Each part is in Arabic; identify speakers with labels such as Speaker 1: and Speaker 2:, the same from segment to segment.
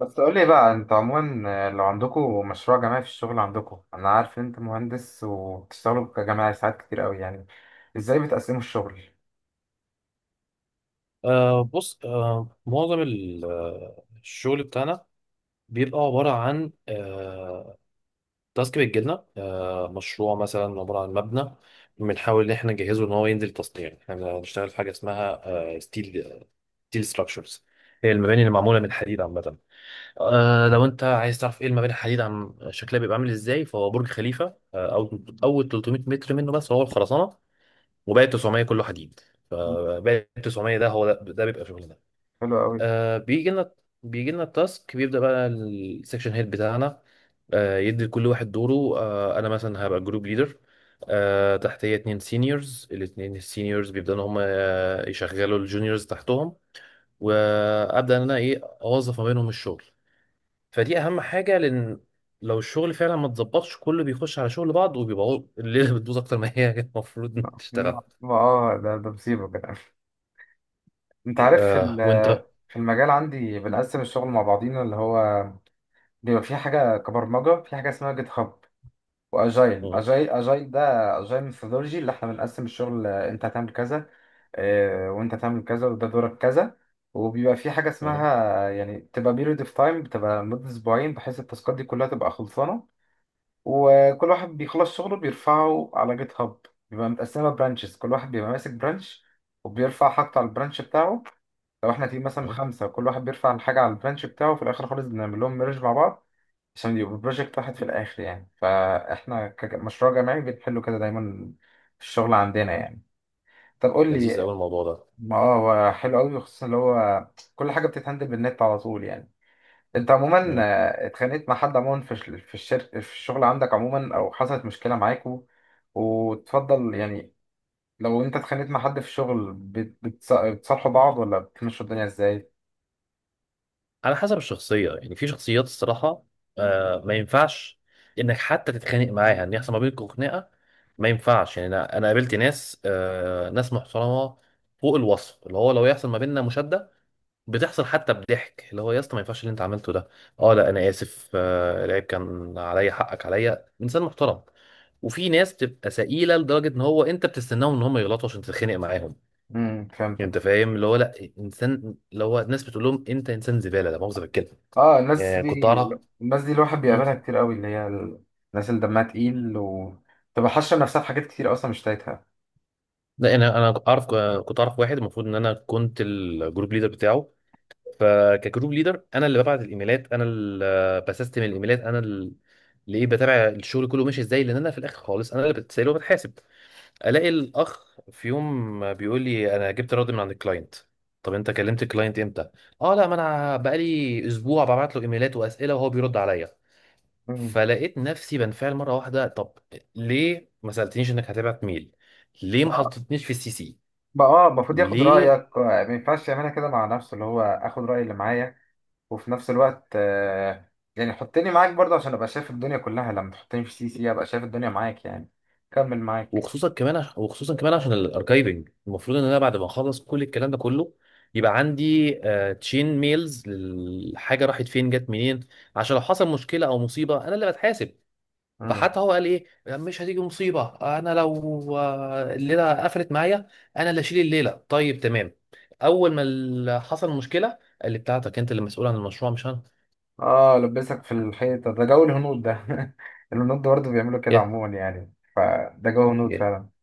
Speaker 1: بس قول لي بقى، انتوا عموما لو عندكم مشروع جماعي في الشغل عندكم، انا عارف ان انت مهندس وبتشتغلوا كجماعي ساعات كتير قوي يعني. ازاي بتقسموا الشغل؟
Speaker 2: بص، معظم الشغل بتاعنا بيبقى عبارة عن تاسك بتجيلنا. مشروع مثلا عبارة عن مبنى، بنحاول إن إحنا نجهزه إن هو ينزل تصنيع. إحنا بنشتغل في حاجة اسمها آه ستيل ستيل ستراكشرز، هي المباني اللي معمولة من حديد عامة. لو أنت عايز تعرف إيه المباني الحديد عم شكلها بيبقى عامل إزاي، فهو برج خليفة. أو أول 300 متر منه بس هو الخرسانة، وباقي 900 كله حديد. فباقي 900 ده هو ده. بيبقى شغلنا.
Speaker 1: حلو قوي.
Speaker 2: آه بيجي لنا بيجي لنا التاسك، بيبدأ بقى السكشن هيد بتاعنا يدي لكل واحد دوره. انا مثلا هبقى جروب ليدر، تحتيه اتنين سينيورز. الاتنين السينيورز بيبدأوا ان هم يشغلوا الجونيورز تحتهم، وابدأ ان انا اوظف ما بينهم الشغل. فدي اهم حاجة، لان لو الشغل فعلا ما اتظبطش كله بيخش على شغل بعض، وبيبقى الليلة بتبوظ اكتر ما هي المفروض إن تشتغل.
Speaker 1: اه ده مصيبه كده. انت عارف
Speaker 2: وانت؟
Speaker 1: في المجال عندي بنقسم الشغل مع بعضينا، اللي هو بيبقى في حاجه كبرمجه، في حاجه اسمها جيت هاب. واجايل
Speaker 2: مم،
Speaker 1: اجايل اجايل ده، اجايل ميثودولوجي، اللي احنا بنقسم الشغل. انت هتعمل كذا، وانت هتعمل كذا، وده دورك كذا. وبيبقى في حاجه اسمها
Speaker 2: مم،
Speaker 1: يعني بتبقى بيريود اوف تايم، بتبقى مده اسبوعين، بحيث التاسكات دي كلها تبقى خلصانه. وكل واحد بيخلص شغله بيرفعه على جيت هاب. بيبقى متقسمه برانشز، كل واحد بيبقى ماسك برانش وبيرفع حاجته على البرانش بتاعه. لو احنا تيم مثلا
Speaker 2: مم.
Speaker 1: خمسه، كل واحد بيرفع الحاجه على البرانش بتاعه، في الاخر خالص بنعمل لهم ميرج مع بعض عشان يبقى بروجكت واحد في الآخر يعني. فإحنا كمشروع جماعي بنحله كده دايما في الشغل عندنا يعني. طب قول
Speaker 2: لذيذ
Speaker 1: لي.
Speaker 2: قوي الموضوع
Speaker 1: ما اه هو حلو قوي خصوصا اللي هو كل حاجة بتتهندل بالنت على طول يعني. أنت عموما
Speaker 2: ده.
Speaker 1: اتخانقت مع حد عموما في الشركة في الشغل عندك عموما، أو حصلت مشكلة معاكوا وتفضل يعني. لو أنت اتخانقت مع حد في الشغل بتصالحوا بعض ولا بتمشوا الدنيا إزاي؟
Speaker 2: على حسب الشخصية، يعني في شخصيات الصراحة ما ينفعش انك حتى تتخانق معاها، ان يحصل ما بينكم خناقة ما ينفعش. يعني انا قابلت ناس، ناس محترمة فوق الوصف، اللي هو لو يحصل ما بيننا مشادة بتحصل، حتى بضحك اللي هو يا اسطى ما ينفعش اللي انت عملته ده. اه لا انا اسف، العيب كان عليا، حقك عليا، انسان محترم. وفي ناس بتبقى سئيله لدرجه ان هو انت بتستناهم ان هم يغلطوا عشان تتخانق معاهم.
Speaker 1: امم،
Speaker 2: يعني
Speaker 1: فهمتك.
Speaker 2: انت فاهم اللي هو لا، انسان اللي هو الناس بتقول لهم انت انسان زباله، لا مؤاخذه بالكلمه.
Speaker 1: اه،
Speaker 2: كنت اعرف.
Speaker 1: الناس دي الواحد
Speaker 2: مم.
Speaker 1: بيقابلها كتير قوي، الناس اللي دمها تقيل وتبقى حاشة نفسها في حاجات كتير اصلا مش تايتها.
Speaker 2: لا، يعني انا اعرف، كنت اعرف واحد المفروض ان انا كنت الجروب ليدر بتاعه. فكجروب ليدر انا اللي ببعت الايميلات، انا اللي بسستم الايميلات، انا اللي بتابع الشغل كله ماشي ازاي، لان انا في الاخر خالص انا اللي بتسال وبتحاسب. الاقي الاخ في يوم بيقول لي انا جبت رد من عند الكلاينت. طب انت كلمت الكلاينت امتى؟ اه لا، ما انا بقالي اسبوع ببعت له ايميلات واسئله وهو بيرد عليا.
Speaker 1: مم.
Speaker 2: فلقيت نفسي بنفعل مره واحده. طب ليه ما سالتنيش انك هتبعت ميل؟ ليه ما حطيتنيش في السي سي؟
Speaker 1: بقى اه المفروض ياخد
Speaker 2: ليه؟
Speaker 1: رأيك، ما ينفعش يعملها كده مع نفسه، اللي هو اخد رأي اللي معايا. وفي نفس الوقت يعني حطني معاك برضه عشان ابقى شايف الدنيا كلها، لما تحطني في سي سي ابقى شايف الدنيا معاك يعني. كمل معاك.
Speaker 2: وخصوصا كمان عشان الاركايفنج، المفروض ان انا بعد ما اخلص كل الكلام ده كله يبقى عندي تشين ميلز الحاجه راحت فين جت منين، عشان لو حصل مشكله او مصيبه انا اللي بتحاسب.
Speaker 1: مم.
Speaker 2: فحتى هو قال ايه، مش هتيجي مصيبه، انا لو الليله قفلت معايا انا اللي اشيل الليله. طيب تمام. اول ما حصل مشكله قال لي بتاعتك، انت اللي مسؤول عن المشروع مش انا.
Speaker 1: اه، لبسك في الحيطة ده جو الهنود ده الهنود برضه بيعملوا كده
Speaker 2: يا
Speaker 1: عموما يعني، فده جو هنود
Speaker 2: يا
Speaker 1: فعلا.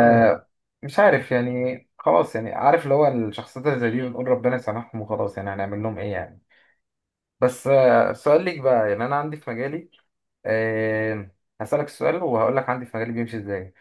Speaker 2: اه
Speaker 1: مش عارف يعني، خلاص يعني، عارف اللي هو الشخصيات اللي زي دي بنقول ربنا يسامحهم وخلاص يعني، هنعمل لهم ايه يعني. بس سؤال ليك بقى، يعني انا عندي في مجالي. آه هسألك السؤال وهقول لك عندي في مجالي بيمشي ازاي.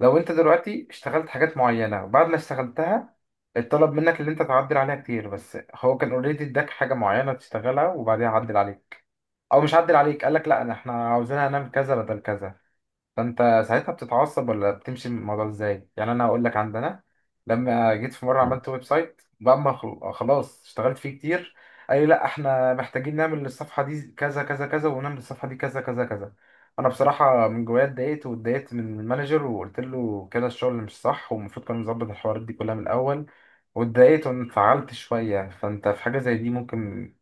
Speaker 1: لو انت دلوقتي اشتغلت حاجات معينة وبعد ما اشتغلتها اتطلب منك اللي انت تعدل عليها كتير، بس هو كان اوريدي اداك حاجة معينة تشتغلها وبعدين عدل عليك. او مش عدل عليك، قال لك لا انا احنا عاوزينها نعمل كذا بدل كذا. فانت ساعتها بتتعصب ولا بتمشي من الموضوع ازاي؟ يعني انا هقول لك عندنا، لما جيت في مره عملت ويب سايت، بعد ما خلاص اشتغلت فيه كتير، قال لي لا احنا محتاجين نعمل الصفحه دي كذا كذا كذا ونعمل الصفحه دي كذا كذا كذا. انا بصراحه من جوايا اتضايقت، واتضايقت من المانجر وقلت له كده الشغل مش صح، والمفروض كان نظبط الحوارات دي كلها من الاول. واتضايقت وانفعلت شويه. فانت في حاجه زي دي ممكن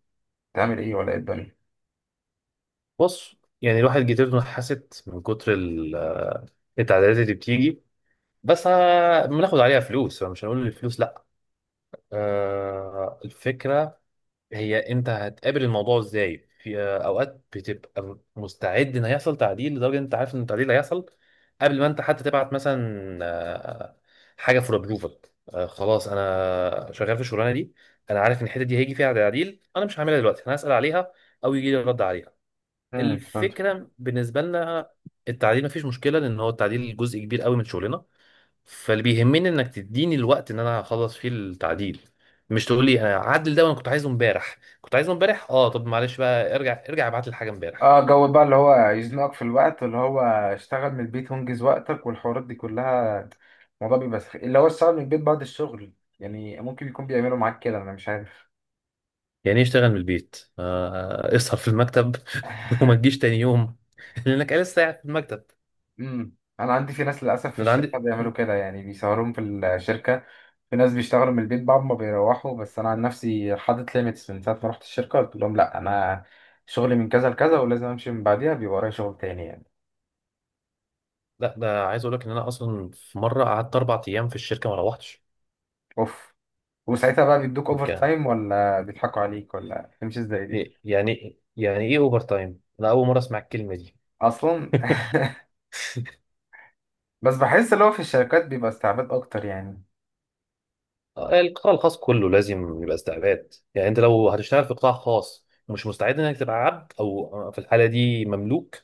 Speaker 1: تعمل ايه ولا ايه الدنيا؟
Speaker 2: بص، يعني الواحد جيتته حست من كتر التعديلات اللي بتيجي. بس بناخد عليها فلوس، فمش هنقول الفلوس لا. الفكره هي انت هتقابل الموضوع ازاي. في اوقات بتبقى مستعد ان هيحصل تعديل، لدرجه ان انت عارف ان التعديل هيحصل قبل ما انت حتى تبعت مثلا حاجه فور ابروفل. خلاص انا شغال في الشغلانه دي، انا عارف ان الحته دي هيجي فيها تعديل، انا مش هعملها دلوقتي، انا هسال عليها او يجي لي رد عليها.
Speaker 1: امم.
Speaker 2: الفكره بالنسبه لنا التعديل مفيش مشكله، لان هو التعديل جزء كبير قوي من شغلنا. فاللي بيهمني انك تديني الوقت ان انا اخلص فيه التعديل، مش تقول لي هعدل ده وانا كنت عايزه امبارح كنت عايزه امبارح. اه طب معلش بقى، ارجع ابعت لي الحاجه امبارح.
Speaker 1: اه، جو بقى اللي هو يزنقك في الوقت، اللي هو اشتغل من البيت وانجز وقتك والحوارات دي كلها. الموضوع بيبقى اللي هو اشتغل من البيت بعد الشغل يعني، ممكن يكون بيعملوا معاك كده انا مش عارف.
Speaker 2: يعني ايه اشتغل من البيت؟ اسهر في المكتب وما تجيش تاني يوم لانك لسه قاعد في المكتب.
Speaker 1: امم، انا عندي في ناس للاسف في
Speaker 2: ده انا
Speaker 1: الشركه
Speaker 2: عندي.
Speaker 1: بيعملوا كده يعني، بيسهرهم في الشركه. في ناس بيشتغلوا من البيت بعد ما بيروحوا، بس انا عن نفسي حاطط ليميتس، من ساعه ما رحت الشركه قلت لهم لا انا شغلي من كذا لكذا ولازم امشي من بعديها، بيبقى ورايا شغل تاني يعني.
Speaker 2: لا، ده عايز اقول لك ان انا اصلا في مره قعدت 4 ايام في الشركه ما روحتش.
Speaker 1: اوف. وساعتها بقى بيدوك اوفر
Speaker 2: كان
Speaker 1: تايم ولا بيضحكوا عليك ولا تمشي ازاي دي؟
Speaker 2: يعني ايه اوفر تايم؟ انا اول مره اسمع الكلمه دي.
Speaker 1: اصلا. بس بحس اللي هو في الشركات بيبقى استعباد اكتر يعني.
Speaker 2: القطاع الخاص كله لازم يبقى استعباد، يعني انت لو هتشتغل في قطاع خاص ومش مستعد انك تبقى عبد او في الحاله دي مملوك.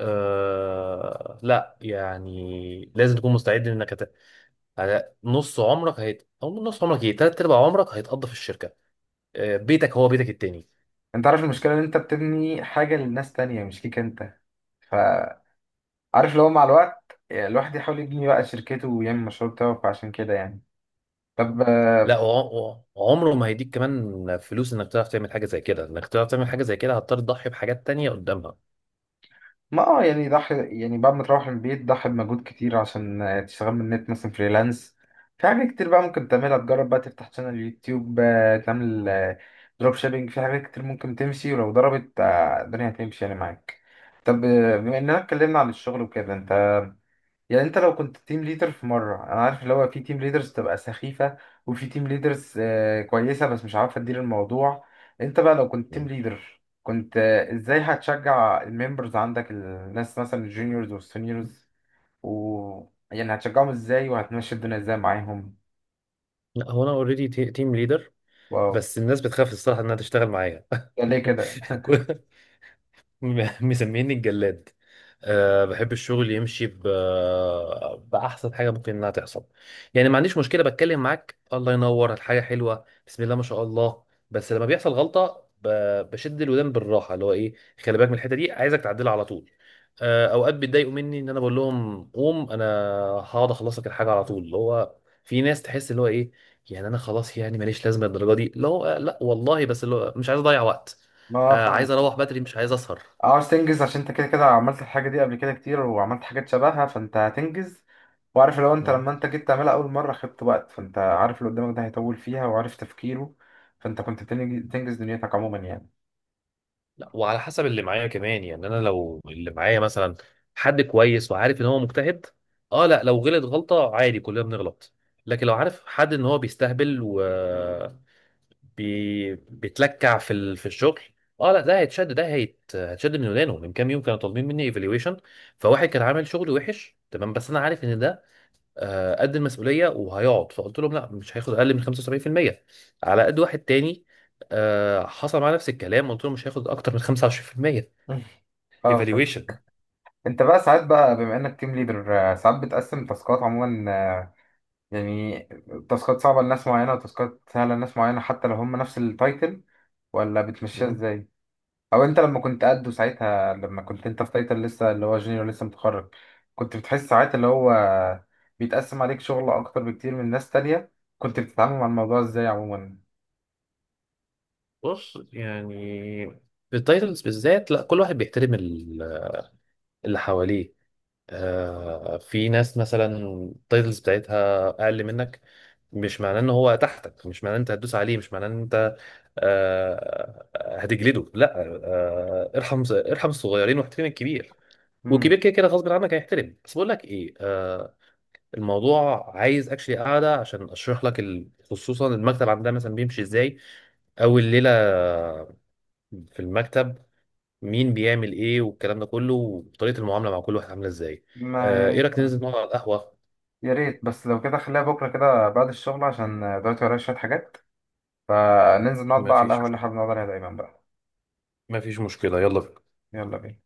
Speaker 2: لا، يعني لازم تكون مستعد انك على نص عمرك او نص عمرك تلات ارباع عمرك هيتقضى في الشركه. بيتك هو بيتك التاني.
Speaker 1: انت عارف المشكله ان انت بتبني حاجه للناس تانية مش ليك انت، فعارف اللي هو مع الوقت الواحد يحاول يبني بقى شركته ويعمل المشروع بتاعه، فعشان كده يعني. طب
Speaker 2: لا، وعمره ما هيديك كمان فلوس انك تعرف تعمل حاجه زي كده. انك تعرف تعمل حاجه زي كده هتضطر تضحي بحاجات تانية قدامها.
Speaker 1: ما اه يعني ضحي. يعني بعد ما تروح من البيت ضحي بمجهود كتير، عشان تشتغل من النت مثلا فريلانس. في حاجات كتير بقى ممكن تعملها، تجرب بقى تفتح شانل يوتيوب، تعمل دروب شيبينج. في حاجات كتير ممكن تمشي، ولو ضربت الدنيا هتمشي يعني معاك. طب بما اننا اتكلمنا عن الشغل وكده، انت يعني انت لو كنت تيم ليدر في مره، انا عارف اللي هو في تيم ليدرز تبقى سخيفه وفي تيم ليدرز كويسه بس مش عارفه تدير الموضوع. انت بقى لو كنت تيم ليدر، كنت ازاي هتشجع الممبرز عندك، الناس مثلا الجونيورز والسينيورز، و يعني هتشجعهم ازاي وهتمشي الدنيا ازاي معاهم؟
Speaker 2: لا هو انا اوريدي تيم ليدر،
Speaker 1: واو.
Speaker 2: بس الناس بتخاف الصراحه انها تشتغل معايا.
Speaker 1: ده ليه كده؟
Speaker 2: كل- مسميني الجلاد. بحب الشغل يمشي بأحسن حاجة ممكن إنها تحصل. يعني ما عنديش مشكلة، بتكلم معاك الله ينور الحاجة حلوة بسم الله ما شاء الله. بس لما بيحصل غلطة بشد الودان بالراحة، اللي هو إيه، خلي بالك من الحتة دي، عايزك تعدلها على طول. أوقات بيتضايقوا مني إن أنا بقول لهم قوم أنا هقعد أخلص لك الحاجة على طول. اللي هو في ناس تحس اللي هو إيه، يعني أنا خلاص، يعني ماليش لازمة الدرجة دي. لا لا والله، بس اللي هو مش عايز أضيع وقت.
Speaker 1: ما
Speaker 2: عايز
Speaker 1: فاهم.
Speaker 2: اروح بدري مش عايز اسهر.
Speaker 1: عاوز تنجز عشان انت كده كده عملت الحاجة دي قبل كده كتير، وعملت حاجات شبهها فانت هتنجز. وعارف لو انت
Speaker 2: مم.
Speaker 1: لما انت جيت تعملها اول مرة خدت وقت، فانت عارف اللي قدامك ده هيطول فيها وعارف تفكيره. فانت كنت بتنجز دنيتك عموما يعني.
Speaker 2: لا، وعلى حسب اللي معايا كمان. يعني انا لو اللي معايا مثلا حد كويس وعارف ان هو مجتهد، اه لا لو غلط غلطة عادي، كلنا بنغلط. لكن لو عارف حد ان هو بيستهبل و بيتلكع في الشغل، اه لا ده هيتشد. هيتشد من ودانه. من كام يوم كانوا طالبين مني ايفالويشن، فواحد كان عامل شغل وحش تمام، بس انا عارف ان ده قد المسؤوليه وهيقعد، فقلت لهم لا مش هياخد اقل من 75%. على قد واحد تاني حصل معاه نفس الكلام، قلت له مش هياخد اكتر من 25%
Speaker 1: اه فهمت.
Speaker 2: ايفالويشن.
Speaker 1: انت بقى ساعات بقى بما انك تيم ليدر، ساعات بتقسم تاسكات عموما، يعني تاسكات صعبة لناس معينة وتاسكات سهلة لناس معينة، حتى لو هم نفس التايتل، ولا بتمشيها ازاي؟ او انت لما كنت قده ساعتها، لما كنت انت في تايتل لسه اللي هو جونيور لسه متخرج، كنت بتحس ساعات اللي هو بيتقسم عليك شغل اكتر بكتير من ناس تانية، كنت بتتعامل مع الموضوع ازاي عموما؟
Speaker 2: بص، يعني في التايتلز بالذات لا، كل واحد بيحترم اللي حواليه. في ناس مثلا التايتلز بتاعتها اقل منك، مش معناه ان هو تحتك، مش معناه ان انت هتدوس عليه، مش معناه ان انت هتجلده لا. ارحم ارحم الصغيرين واحترم الكبير،
Speaker 1: امم.
Speaker 2: وكبير كده كده غصب عنك هيحترم. بس بقول لك ايه، الموضوع عايز اكشلي قاعده عشان اشرح لك خصوصا المكتب عندنا مثلا بيمشي ازاي، او الليله في المكتب مين بيعمل ايه والكلام ده كله، وطريقه المعامله مع كل واحد عامله ازاي.
Speaker 1: ما يا
Speaker 2: ايه
Speaker 1: ريت
Speaker 2: رايك ننزل نقعد على القهوه؟
Speaker 1: يا ريت بس لو كده خليها بكره كده بعد الشغل عشان دلوقتي ورايا شوية حاجات، فننزل نقعد
Speaker 2: ما
Speaker 1: بقى على
Speaker 2: فيش
Speaker 1: القهوة اللي
Speaker 2: مشكله،
Speaker 1: احنا بنقعد عليها دايما بقى.
Speaker 2: ما فيش مشكله، يلا بينا.
Speaker 1: يلا بينا.